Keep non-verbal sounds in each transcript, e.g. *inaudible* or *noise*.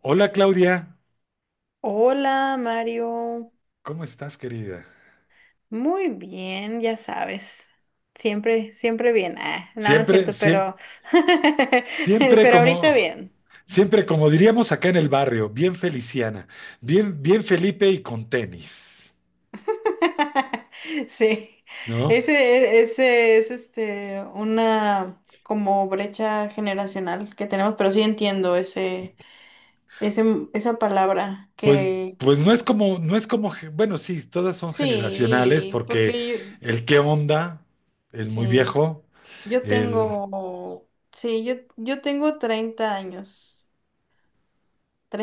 Hola Claudia, Hola, Mario. ¿cómo estás, querida? Muy bien, ya sabes. Siempre bien. Ah, no, no es Siempre, cierto, pero, *laughs* siempre, pero ahorita como, bien. siempre como diríamos acá en el barrio, bien feliciana, bien, bien Felipe y con tenis, *laughs* Sí. ¿no? Ese es una como brecha generacional que tenemos, pero sí entiendo ese, esa palabra Pues, que pues no es como, bueno, sí, todas son generacionales sí, porque porque el qué onda es yo, muy sí, viejo, yo el tengo, sí, yo tengo 30 años.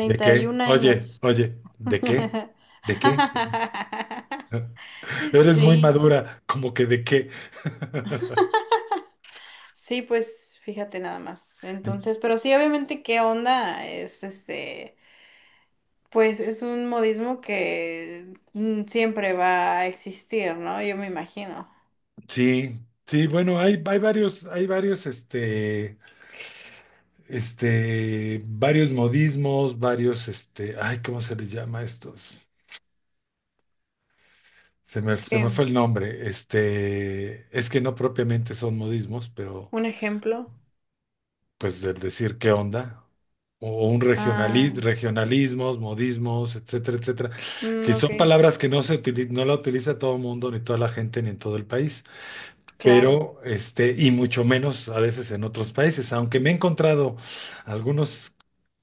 de y qué, un oye, años. oye, ¿de qué? ¿De qué? *laughs* *laughs* Eres muy Sí, madura, como que de qué. sí, pues fíjate nada más. Entonces, pero sí, obviamente, ¿qué onda? Es pues es un modismo que siempre va a existir, ¿no? Yo me imagino. Sí, sí, bueno, hay varios, varios modismos, ay, ¿cómo se les llama a estos? Se me fue ¿Qué? el nombre, es que no propiamente son modismos, pero ¿Un ejemplo? pues del decir qué onda, o un Ah, regionalismos, modismos, etcétera, etcétera, que son ok, palabras que no se no la utiliza todo el mundo, ni toda la gente, ni en todo el país, claro. pero y mucho menos a veces en otros países, aunque me he encontrado algunos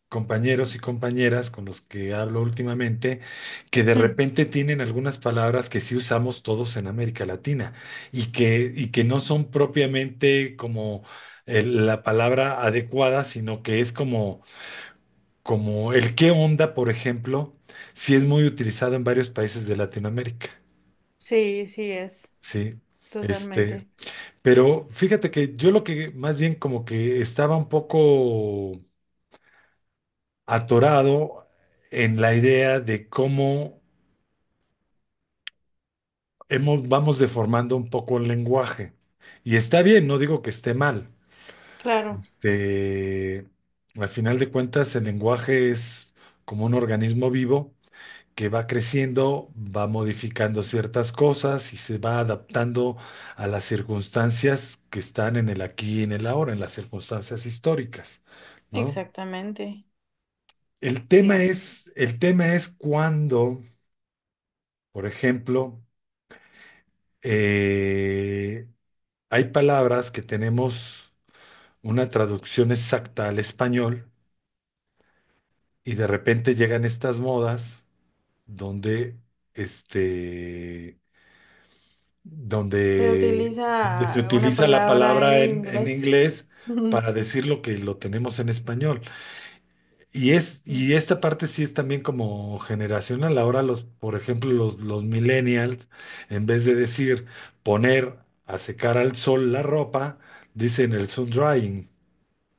compañeros y compañeras con los que hablo últimamente, que de Mm. repente tienen algunas palabras que sí usamos todos en América Latina y que no son propiamente como la palabra adecuada, sino que es como el qué onda, por ejemplo, sí es muy utilizado en varios países de Latinoamérica, Sí, sí es, ¿sí? Este, totalmente. Pero fíjate que yo lo que más bien como que estaba un poco atorado en la idea de cómo vamos deformando un poco el lenguaje. Y está bien, no digo que esté mal. Claro, Eh, Al final de cuentas, el lenguaje es como un organismo vivo que va creciendo, va modificando ciertas cosas y se va adaptando a las circunstancias que están en el aquí y en el ahora, en las circunstancias históricas, ¿no? exactamente. El tema Sí. es, el tema es cuando, por ejemplo, eh, hay palabras que tenemos una traducción exacta al español y de repente llegan estas modas donde, este, Se se utiliza una utiliza la palabra en palabra en inglés. inglés para *laughs* decir lo que lo tenemos en español. Y es, Sí. y esta parte sí es también como generacional. Ahora por ejemplo, los millennials, en vez de decir poner a secar al sol la ropa, dicen el sun drying.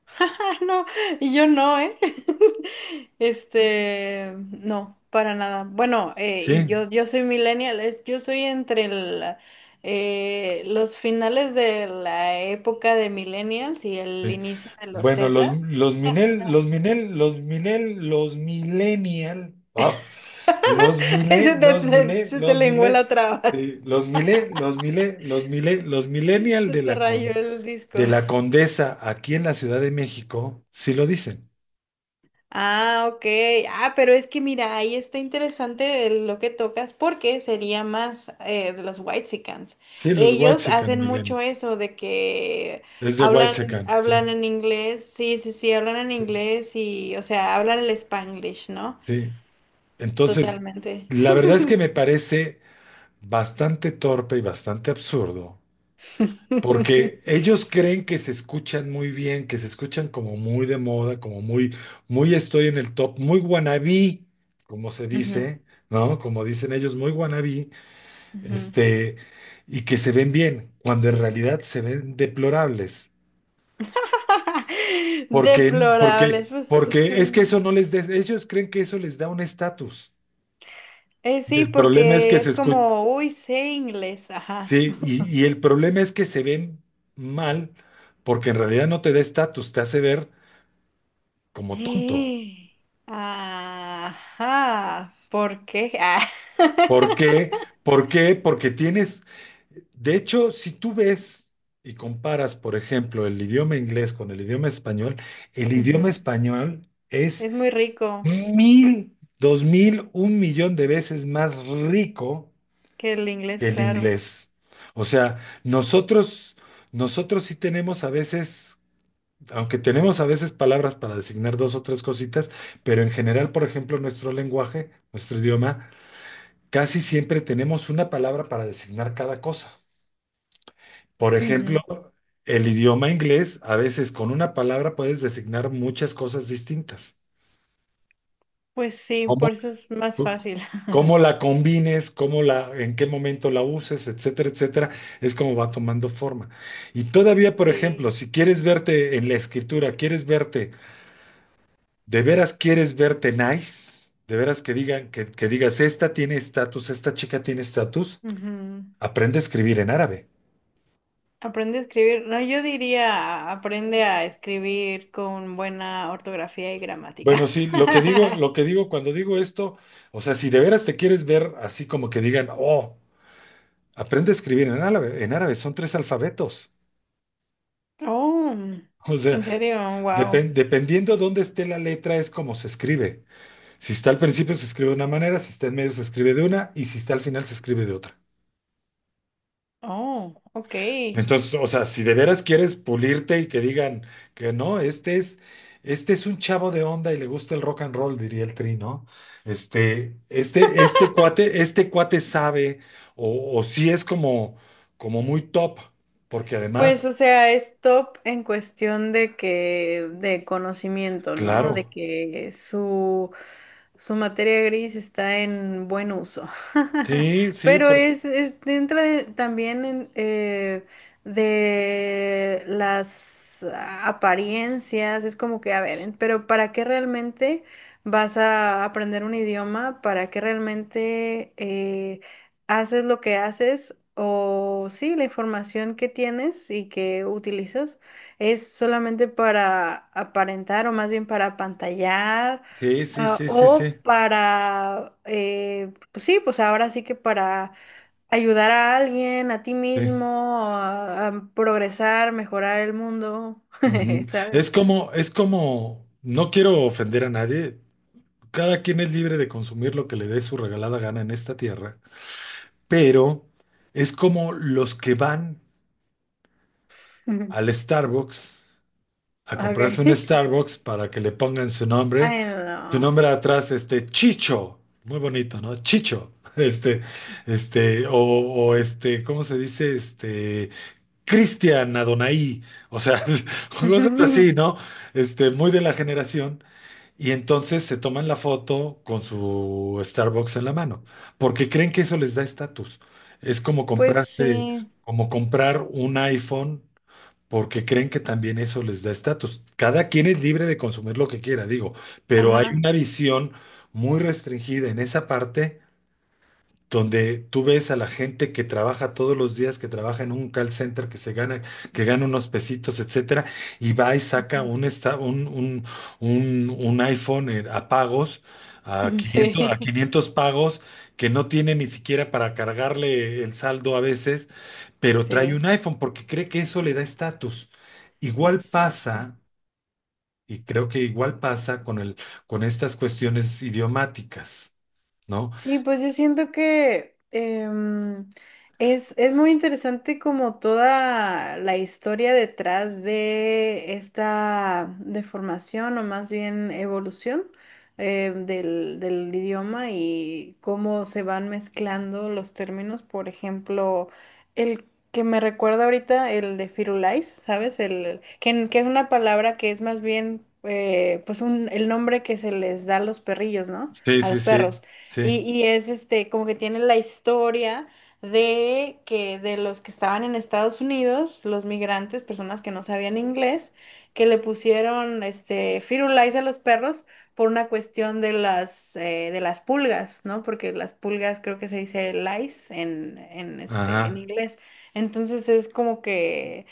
*laughs* No, y yo no, ¿eh? *laughs* Este, no, para nada. Bueno, y Sí. yo soy millennial, yo soy entre los finales de la época de millennials y el Sí. inicio de los Bueno, Z. Los *laughs* mile, Se te, los se, mile, se te los lenguó mile, la traba. *laughs* sí, los millennial Se te rayó el disco. de la Condesa aquí en la Ciudad de México, sí lo dicen. Ah, ok. Ah, pero es que mira, ahí está interesante lo que tocas porque sería más de los Whitexicans. Sí, los Ellos Whitexicans, hacen Milena. mucho eso de que Es de hablan, Whitexicans, sí, hablan en inglés, sí, sí, sí, hablan en sí, inglés y, o sea, hablan el Spanglish, ¿no? sí. Entonces, Totalmente. la verdad es que me parece bastante torpe y bastante absurdo, porque *laughs* ellos creen que se escuchan muy bien, que se escuchan como muy de moda, como muy estoy en el top, muy wannabe, como se Ujú, dice, ¿no? Como dicen ellos, muy wannabe, ujú. este, y que se ven bien, cuando en realidad se ven deplorables. *laughs* Porque, Deplorables, porque, porque es que eso no les da, ellos creen que eso les da un estatus. Y sí, el problema es que porque se es escu- como, uy, sé inglés, ajá. sí, y el problema es que se ven mal, porque en realidad no te da estatus, te hace ver *gasps* como tonto. Eh, ajá, ¿por qué? Ah. ¿Por qué? *laughs* ¿Por qué? Porque de hecho, si tú ves y comparas, por ejemplo, el idioma inglés con el idioma Ujú. español es Es muy rico mil, dos mil, un millón de veces más rico que el inglés, que el claro. inglés. O sea, nosotros sí tenemos a veces, aunque tenemos a veces palabras para designar dos o tres cositas, pero en general, por ejemplo, nuestro lenguaje, nuestro idioma, casi siempre tenemos una palabra para designar cada cosa. Por ejemplo, Ujú. el idioma inglés, a veces con una palabra puedes designar muchas cosas distintas. Pues sí, por eso es más c- fácil. Cómo *laughs* la combines, en qué momento la uses, etcétera, etcétera, es como va tomando forma. Y todavía, por ejemplo, Sí. si quieres verte en la escritura, quieres verte, de veras quieres verte nice, de veras que digan, que digas, esta tiene estatus, esta chica tiene estatus, Ujú. aprende a escribir en árabe. Aprende a escribir. No, yo diría aprende a escribir con buena ortografía y Bueno, gramática. sí, lo que digo, *laughs* lo que digo cuando digo esto, o sea, si de veras te quieres ver así como que digan, oh, aprende a escribir en árabe, son tres alfabetos. *laughs* Oh, O sea, en serio, wow. Dependiendo dónde esté la letra, es como se escribe. Si está al principio, se escribe de una manera, si está en medio, se escribe de una, y si está al final, se escribe de otra. Oh, ok. Entonces, o sea, si de veras quieres pulirte y que digan que no, este es un chavo de onda y le gusta el rock and roll, diría el Tri, ¿no? Este cuate sabe, o sí es como, muy top, porque Pues, además, o sea, es top en cuestión de que, de conocimiento, ¿no? De claro, que su materia gris está en buen uso. *laughs* sí, sí, Pero entra también en, de las apariencias, es como que, a ver, pero ¿para qué realmente vas a aprender un idioma? ¿Para qué realmente haces lo que haces o sí, la información que tienes y que utilizas es solamente para aparentar o más bien para apantallar sí, sí, ah, sí, sí, o sí, para, pues sí, pues ahora sí que para ayudar a alguien, a ti sí. mismo, a progresar, mejorar el mundo, Ujú. *laughs* ¿sabes? Es como, no quiero ofender a nadie, cada quien es libre de consumir lo que le dé su regalada gana en esta tierra, pero es como los que van *laughs* al Starbucks a comprarse un Ok. Starbucks para que le pongan *laughs* Ay, su no. nombre atrás, este Chicho, muy bonito, ¿no? Chicho, *laughs* ¿cómo se dice? Cristian Adonai, o sea, *laughs* cosas así, *laughs* ¿no? Muy de la generación. Y entonces se toman la foto con su Starbucks en la mano, porque creen que eso les da estatus. Es como Pues sí, como comprar un iPhone, porque creen que también eso les da estatus. Cada quien es libre de consumir lo que quiera, digo, pero hay ajá. una visión muy restringida en esa parte donde tú ves a la gente que trabaja todos los días, que trabaja en un call center, que gana unos pesitos, etcétera, y va y saca Ujú. un, esta- un iPhone a pagos, *laughs* a Sí, 500 pagos, que no tiene ni siquiera para cargarle el saldo a veces, pero trae sí. un iPhone porque cree que eso le da estatus. Igual Exacto. pasa, y creo que igual pasa con estas cuestiones idiomáticas, ¿no? Sí, pues yo siento que es muy interesante como toda la historia detrás de esta deformación o más bien evolución del idioma y cómo se van mezclando los términos. Por ejemplo, el que me recuerda ahorita, el de Firulais, ¿sabes? Que es una palabra que es más bien pues el nombre que se les da a los perrillos, ¿no? Sí, A sí, los sí, perros. sí. Y es este, como que tiene la historia de que de los que estaban en Estados Unidos, los migrantes, personas que no sabían inglés, que le pusieron este firulais a los perros por una cuestión de las pulgas, ¿no? Porque las pulgas creo que se dice lice en, en Ajá. inglés. Entonces es como que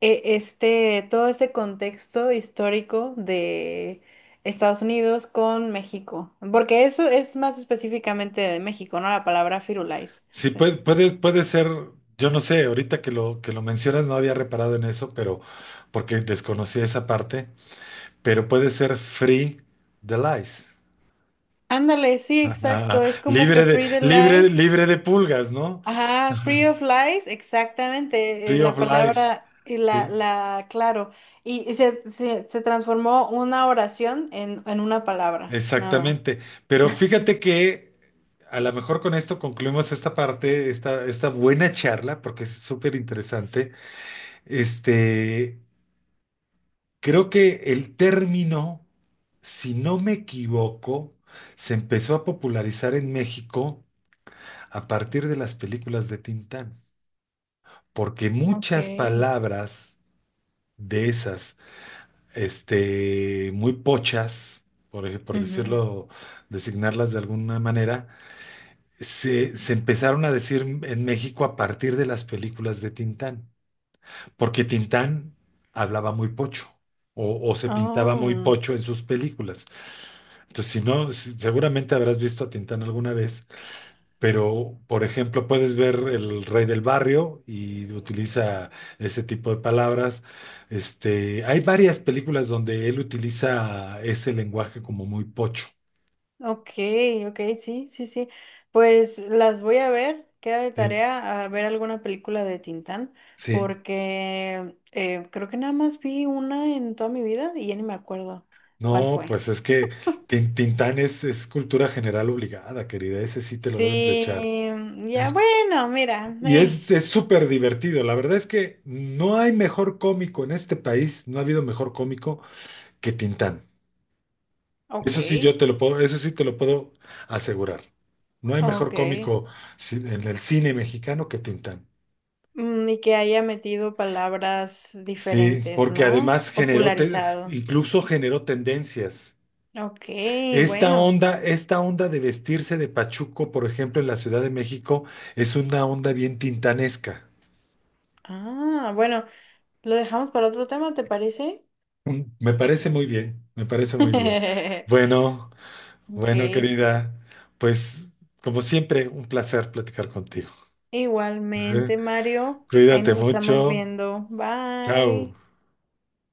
todo este contexto histórico de Estados Unidos con México, porque eso es más específicamente de México, ¿no? La palabra firulais, o Sí, sea. puede ser, yo no sé, ahorita que lo mencionas no había reparado en eso, pero porque desconocía esa parte, pero puede ser free de lice. Ándale, sí, Ajá. exacto, es *laughs* como Libre que de, free the libre, lies. libre de pulgas, ¿no? Ajá, free of lies, exactamente, Free of la life. palabra, Sí, claro, se transformó una oración en una palabra, nada más. exactamente. Pero fíjate que a lo mejor con esto concluimos esta parte, esta buena charla, porque es súper interesante. Este. Creo que el término, si no me equivoco, se empezó a popularizar en México a partir de las películas de Tintán, porque Ok. muchas palabras de esas, muy pochas, por Ujú. decirlo, designarlas de alguna manera, se empezaron a decir en México a partir de las películas de Tintán, porque Tintán hablaba muy pocho o se pintaba muy Oh. pocho en sus películas. Entonces, si no, seguramente habrás visto a Tintán alguna vez, pero por ejemplo, puedes ver el rey del barrio y utiliza ese tipo de palabras. Hay varias películas donde él utiliza ese lenguaje como muy pocho. Ok, ok, sí, sí, sí. Pues las voy a ver, queda de Sí, tarea a ver alguna película de Tintán, sí. porque creo que nada más vi una en toda mi vida y ya ni me acuerdo cuál No, fue. pues es que Tintán es cultura general obligada, querida. Ese sí te lo debes de echar. Sí, ya Es- bueno, mira, y es, es súper divertido. La verdad es que no hay mejor cómico en este país, no ha habido mejor cómico que Tintán. ok, Eso sí, yo te lo puedo, eso sí te lo puedo asegurar. No hay mejor ok. cómico en el cine mexicano que Tintán. Mm, y que haya metido palabras Sí, diferentes, porque ¿no? además Popularizado. incluso generó tendencias. Ok, Esta bueno. onda, esta onda de vestirse de pachuco, por ejemplo, en la Ciudad de México, es una onda bien tintanesca. Ah, bueno, lo dejamos para otro tema, ¿te parece? Me parece muy bien, me parece muy bien. *laughs* Bueno, Ok. bueno, querida, pues como siempre, un placer platicar contigo. ¿Eh? Igualmente, Mario. Ahí Cuídate nos estamos mucho. viendo. Chao. Bye.